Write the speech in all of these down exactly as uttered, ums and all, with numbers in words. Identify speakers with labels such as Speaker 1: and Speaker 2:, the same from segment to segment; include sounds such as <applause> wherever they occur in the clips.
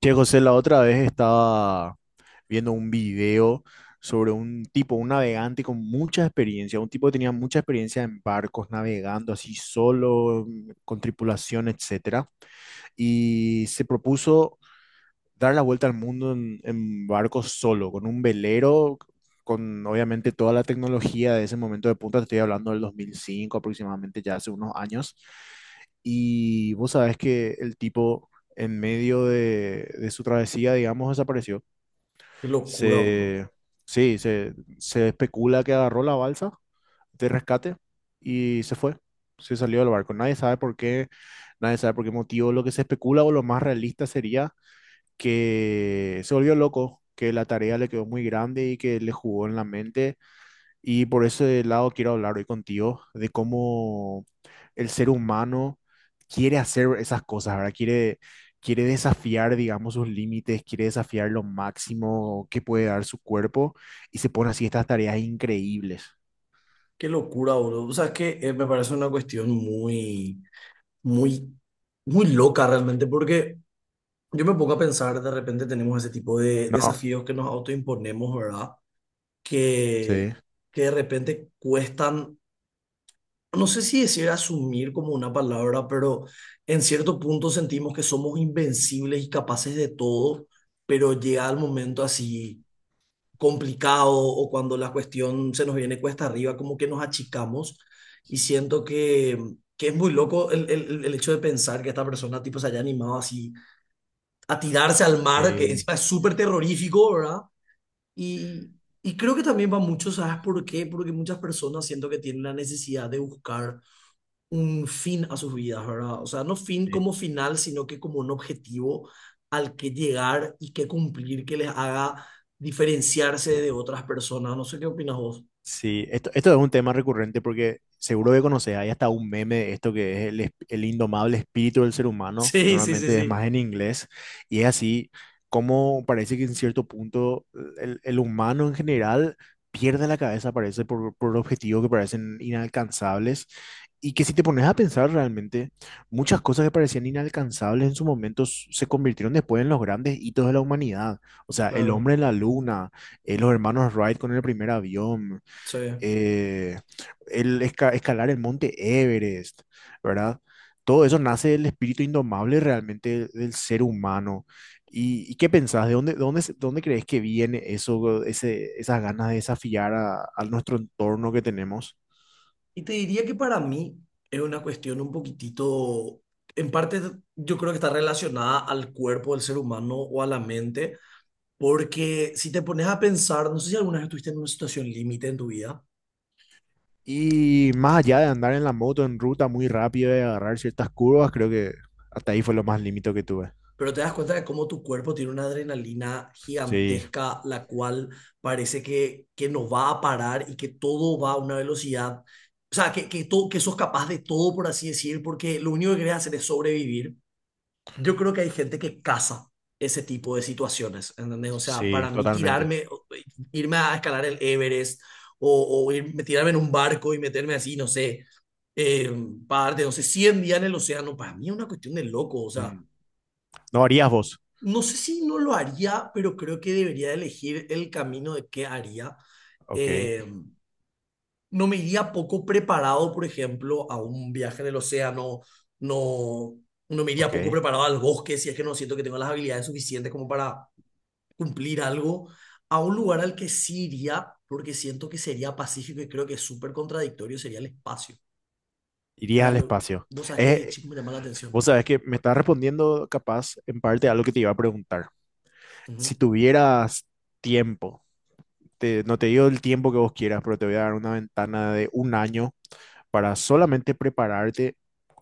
Speaker 1: Che, José, la otra vez estaba viendo un video sobre un tipo, un navegante con mucha experiencia, un tipo que tenía mucha experiencia en barcos, navegando así solo, mm, con tripulación, etcétera, y se propuso dar la vuelta al mundo en, en barco solo, con un velero, con obviamente toda la tecnología de ese momento de punta. Te estoy hablando del dos mil cinco aproximadamente, ya hace unos años. Y vos sabés que el tipo en medio de, de su travesía, digamos, desapareció.
Speaker 2: Qué locura, bro.
Speaker 1: Se, sí, se, se especula que agarró la balsa de rescate y se fue. Se salió del barco. Nadie sabe por qué, nadie sabe por qué motivo. Lo que se especula o lo más realista sería que se volvió loco, que la tarea le quedó muy grande y que le jugó en la mente. Y por ese lado quiero hablar hoy contigo de cómo el ser humano quiere hacer esas cosas, ¿verdad? Quiere, quiere desafiar, digamos, sus límites, quiere desafiar lo máximo que puede dar su cuerpo y se pone así estas tareas increíbles.
Speaker 2: Qué locura, bro. O sea, es que eh, me parece una cuestión muy, muy, muy loca realmente, porque yo me pongo a pensar, de repente tenemos ese tipo de
Speaker 1: No,
Speaker 2: desafíos que nos autoimponemos, ¿verdad? Que,
Speaker 1: sí.
Speaker 2: que de repente cuestan, no sé si decir asumir como una palabra, pero en cierto punto sentimos que somos invencibles y capaces de todo, pero llega el momento así complicado o cuando la cuestión se nos viene cuesta arriba, como que nos achicamos y siento que, que es muy loco el, el, el hecho de pensar que esta persona tipo se haya animado así a tirarse al mar, que
Speaker 1: Sí,
Speaker 2: encima es súper terrorífico, ¿verdad? Y, y creo que también va mucho, ¿sabes por qué? Porque muchas personas siento que tienen la necesidad de buscar un fin a sus vidas, ¿verdad? O sea, no fin
Speaker 1: sí.
Speaker 2: como final, sino que como un objetivo al que llegar y que cumplir, que les haga diferenciarse de otras personas. No sé qué opinas vos.
Speaker 1: Sí, esto, esto es un tema recurrente porque seguro que conoces, hay hasta un meme de esto que es el, es- el indomable espíritu del ser humano,
Speaker 2: Sí, sí, sí,
Speaker 1: normalmente es
Speaker 2: sí.
Speaker 1: más en inglés, y es así como parece que en cierto punto eh, el, el humano en general pierde la cabeza, parece, por, por objetivos que parecen inalcanzables, y que si te pones a pensar realmente, muchas cosas que parecían inalcanzables en su momento s- se convirtieron después en los grandes hitos de la humanidad. O sea, el
Speaker 2: Claro,
Speaker 1: hombre en la luna, eh, los hermanos Wright con el primer avión,
Speaker 2: sí.
Speaker 1: eh, el esca- escalar el monte Everest, ¿verdad? Todo eso nace del espíritu indomable realmente del ser humano. ¿Y, y qué pensás? ¿De dónde, dónde, se- dónde crees que viene eso, ese, esas ganas de desafiar a, a nuestro entorno que tenemos?
Speaker 2: Y te diría que para mí es una cuestión un poquitito, en parte yo creo que está relacionada al cuerpo del ser humano o a la mente, porque si te pones a pensar, no sé si alguna vez estuviste en una situación límite en tu vida.
Speaker 1: Y más allá de andar en la moto en ruta muy rápido y agarrar ciertas curvas, creo que hasta ahí fue lo más límite que tuve.
Speaker 2: Pero te das cuenta de cómo tu cuerpo tiene una adrenalina
Speaker 1: Sí,
Speaker 2: gigantesca, la cual parece que, que no va a parar y que todo va a una velocidad, o sea, que, que, todo, que sos capaz de todo, por así decir, porque lo único que querés hacer es sobrevivir. Yo creo que hay gente que caza ese tipo de situaciones, ¿entendés? O sea,
Speaker 1: sí,
Speaker 2: para mí
Speaker 1: totalmente.
Speaker 2: tirarme, irme a escalar el Everest o, o irme, tirarme en un barco y meterme así, no sé, eh, parte, no sé, cien días en el océano, para mí es una cuestión de loco, o sea,
Speaker 1: Mm. ¿No harías vos?
Speaker 2: no sé si no lo haría, pero creo que debería elegir el camino de qué haría.
Speaker 1: Ok,
Speaker 2: Eh, no me iría poco preparado, por ejemplo, a un viaje en el océano, no, no me iría
Speaker 1: ok.
Speaker 2: poco preparado al bosque si es que no siento que tengo las habilidades suficientes como para cumplir algo, a un lugar al que sí iría, porque siento que sería pacífico y creo que es súper contradictorio, sería el espacio. Es
Speaker 1: Irías al
Speaker 2: algo-
Speaker 1: espacio.
Speaker 2: vos sabés que de
Speaker 1: Es,
Speaker 2: chico me llama la atención.
Speaker 1: vos sabés que me estás respondiendo capaz en parte a lo que te iba a preguntar.
Speaker 2: Ujú,
Speaker 1: Si tuvieras tiempo, te- no te digo el tiempo que vos quieras, pero te voy a dar una ventana de un año para solamente prepararte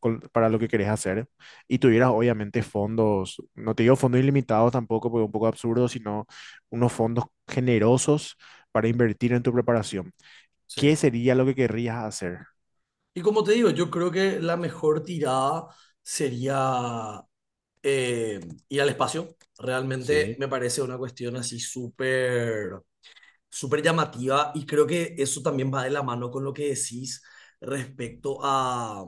Speaker 1: con- para lo que querés hacer y tuvieras obviamente fondos, no te digo fondos ilimitados tampoco, porque es un poco absurdo, sino unos fondos generosos para invertir en tu preparación. ¿Qué
Speaker 2: sí.
Speaker 1: sería lo que querrías hacer?
Speaker 2: Y como te digo, yo creo que la mejor tirada sería eh, ir al espacio. Realmente
Speaker 1: Sí.
Speaker 2: me parece una cuestión así súper súper llamativa y creo que eso también va de la mano con lo que decís respecto a,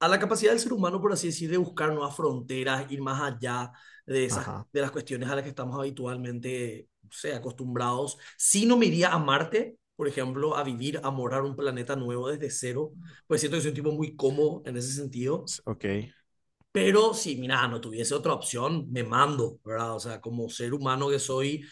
Speaker 2: a la capacidad del ser humano, por así decir, de buscar nuevas fronteras, ir más allá de esas,
Speaker 1: Ajá,
Speaker 2: de las cuestiones a las que estamos habitualmente, no sé, acostumbrados. Si no me iría a Marte, por ejemplo, a vivir, a morar un planeta nuevo desde cero, pues siento que soy un tipo muy cómodo en ese sentido.
Speaker 1: s- ok.
Speaker 2: Pero si, mira, no tuviese otra opción, me mando, ¿verdad? O sea, como ser humano que soy,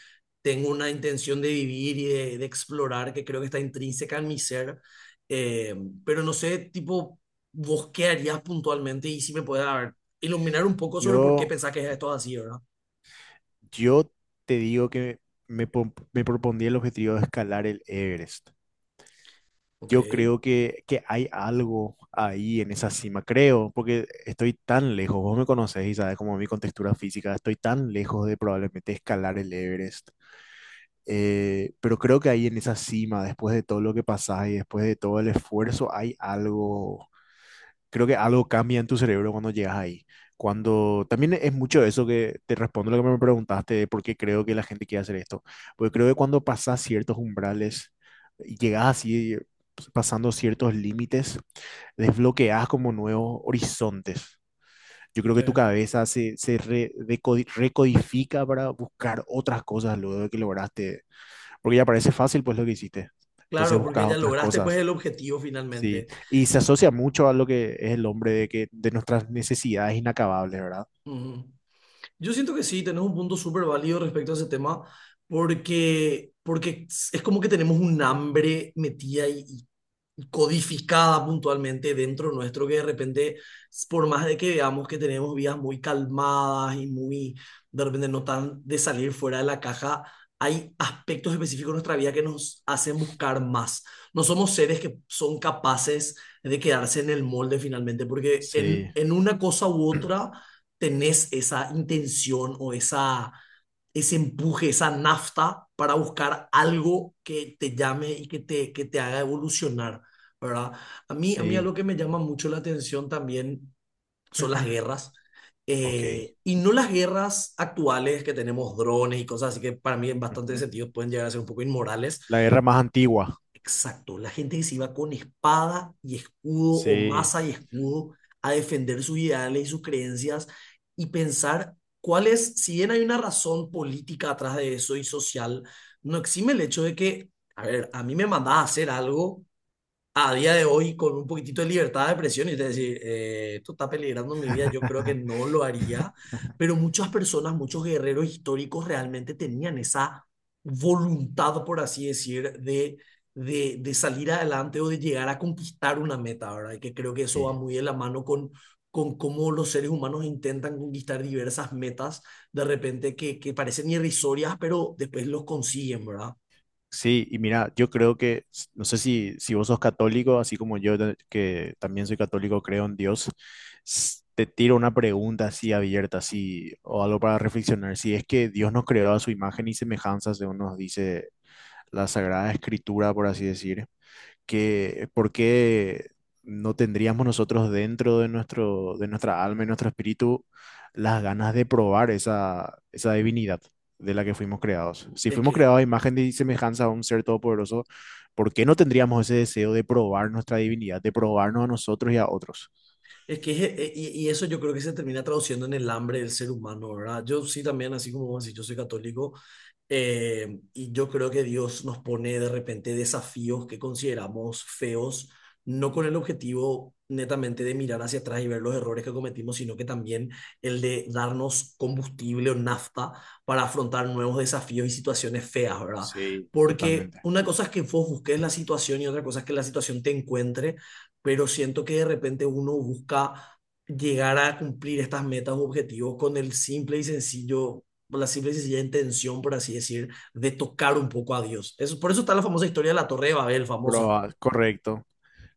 Speaker 2: tengo una intención de vivir y de, de explorar que creo que está intrínseca en mi ser. Eh, pero no sé, tipo, vos qué harías puntualmente y si me puedes a ver, iluminar un poco sobre por qué
Speaker 1: Yo
Speaker 2: pensás que esto es así, ¿verdad?
Speaker 1: Yo te digo que me, pon- me propondría el objetivo de escalar el Everest.
Speaker 2: Ok.
Speaker 1: Yo
Speaker 2: Sí.
Speaker 1: creo que, que hay algo ahí en esa cima, creo, porque estoy tan lejos, vos me conocés y sabes como mi contextura física, estoy tan lejos de probablemente escalar el Everest. Eh, pero creo que ahí en esa cima, después de todo lo que pasás y después de todo el esfuerzo, hay algo, creo que algo cambia en tu cerebro cuando llegas ahí. Cuando también es mucho eso que te respondo lo que me preguntaste de por qué creo que la gente quiere hacer esto. Porque creo que cuando pasas ciertos umbrales y llegas así, pues, pasando ciertos límites, desbloqueas como nuevos horizontes. Yo creo que tu cabeza se, se re- decodi- recodifica para buscar otras cosas luego de que lograste. Porque ya parece fácil, pues lo que hiciste. Entonces
Speaker 2: Claro, porque
Speaker 1: buscas
Speaker 2: ya
Speaker 1: otras
Speaker 2: lograste pues
Speaker 1: cosas.
Speaker 2: el objetivo
Speaker 1: Sí,
Speaker 2: finalmente.
Speaker 1: y se asocia mucho a lo que es el hombre de que de nuestras necesidades inacabables, ¿verdad?
Speaker 2: Ujú. Yo siento que sí, tenés un punto súper válido respecto a ese tema, porque, porque es como que tenemos un hambre metida y codificada puntualmente dentro nuestro que de repente, por más de que veamos que tenemos vidas muy calmadas y muy, de repente no tan de salir fuera de la caja, hay aspectos específicos de nuestra vida que nos hacen buscar más. No somos seres que son capaces de quedarse en el molde finalmente, porque
Speaker 1: Sí,
Speaker 2: en, en una cosa u otra tenés esa intención o esa, ese empuje, esa nafta para buscar algo que te llame y que te, que te haga evolucionar. ¿Verdad? A mí, a mí algo
Speaker 1: sí.
Speaker 2: que me llama mucho la atención también son las
Speaker 1: <clears throat>
Speaker 2: guerras.
Speaker 1: Ok.
Speaker 2: Eh, y no las guerras actuales que tenemos drones y cosas así que para mí en bastantes
Speaker 1: Ujú.
Speaker 2: sentidos pueden llegar a ser un poco inmorales.
Speaker 1: La guerra más antigua.
Speaker 2: Exacto, la gente que se iba con espada y escudo o
Speaker 1: Sí,
Speaker 2: masa y escudo a defender sus ideales y sus creencias y pensar cuál es, si bien hay una razón política atrás de eso y social, no exime el hecho de que, a ver, a mí me mandás a hacer algo a día de hoy con un poquitito de libertad de expresión y usted decir, eh, esto está peligrando mi vida, yo creo que no lo haría, pero muchas personas, muchos guerreros históricos realmente tenían esa voluntad, por así decir, de, de, de salir adelante o de llegar a conquistar una meta, ¿verdad? Y que creo que eso va
Speaker 1: sí.
Speaker 2: muy de la mano con con cómo los seres humanos intentan conquistar diversas metas de repente que, que parecen irrisorias, pero después los consiguen, ¿verdad?
Speaker 1: Sí, y mira, yo creo que, s- no sé si, si vos sos católico, así como yo, ta- que también soy católico, creo en Dios, s- te tiro una pregunta así abierta, así, o algo para reflexionar. Si es que Dios nos creó a su imagen y semejanza, según nos dice la Sagrada Escritura, por así decir, que, ¿por qué no tendríamos nosotros dentro de nuestro, de nuestra alma y nuestro espíritu las ganas de probar esa, esa divinidad de la que fuimos creados? Si
Speaker 2: Es
Speaker 1: fuimos
Speaker 2: que
Speaker 1: creados a imagen y semejanza a un ser todopoderoso, ¿por qué no tendríamos ese deseo de probar nuestra divinidad, de probarnos a nosotros y a otros?
Speaker 2: Es que, es- eh, y, y eso yo creo que se termina traduciendo en el hambre del ser humano, ¿verdad? Yo sí también, así como vos decís, yo soy católico, eh, y yo creo que Dios nos pone de repente desafíos que consideramos feos, no con el objetivo netamente de mirar hacia atrás y ver los errores que cometimos, sino que también el de darnos combustible o nafta para afrontar nuevos desafíos y situaciones feas, ¿verdad?
Speaker 1: Sí,
Speaker 2: Porque
Speaker 1: totalmente.
Speaker 2: una cosa es que vos busques la situación y otra cosa es que la situación te encuentre, pero siento que de repente uno busca llegar a cumplir estas metas o objetivos con el simple y sencillo, la simple y sencilla intención, por así decir, de tocar un poco a Dios. Eso, por eso está la famosa historia de la Torre de Babel, famosa.
Speaker 1: Probar, correcto.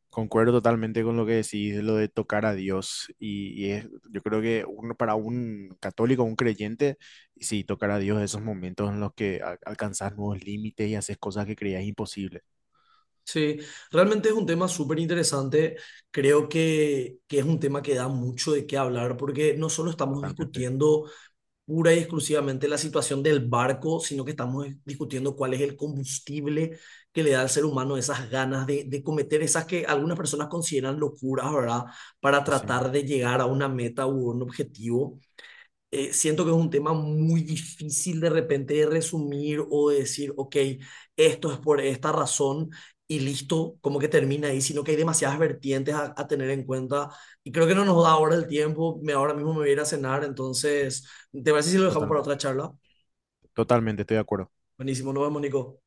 Speaker 1: Concuerdo totalmente con lo que decís, lo de tocar a Dios. Y, y es- yo creo que uno, para un católico, un creyente, sí, tocar a Dios, esos momentos en los que al- alcanzas nuevos límites y haces cosas que creías imposibles.
Speaker 2: Sí, realmente es un tema súper interesante. Creo que, que es un tema que da mucho de qué hablar porque no solo estamos
Speaker 1: Totalmente.
Speaker 2: discutiendo pura y exclusivamente la situación del barco, sino que estamos discutiendo cuál es el combustible que le da al ser humano esas ganas de, de cometer esas que algunas personas consideran locuras, ¿verdad? Para
Speaker 1: Así
Speaker 2: tratar
Speaker 1: mismo.
Speaker 2: de llegar a una meta u un objetivo eh, siento que es un tema muy difícil de repente de resumir o de decir, ok, esto es por esta razón y listo, como que termina ahí, sino que hay demasiadas vertientes a, a tener en cuenta y creo que no nos da ahora el tiempo, me, ahora mismo me voy a ir a cenar, entonces, ¿te parece si lo dejamos para otra
Speaker 1: Totalmente.
Speaker 2: charla?
Speaker 1: Totalmente, estoy de acuerdo.
Speaker 2: Buenísimo, nos vemos, Nico.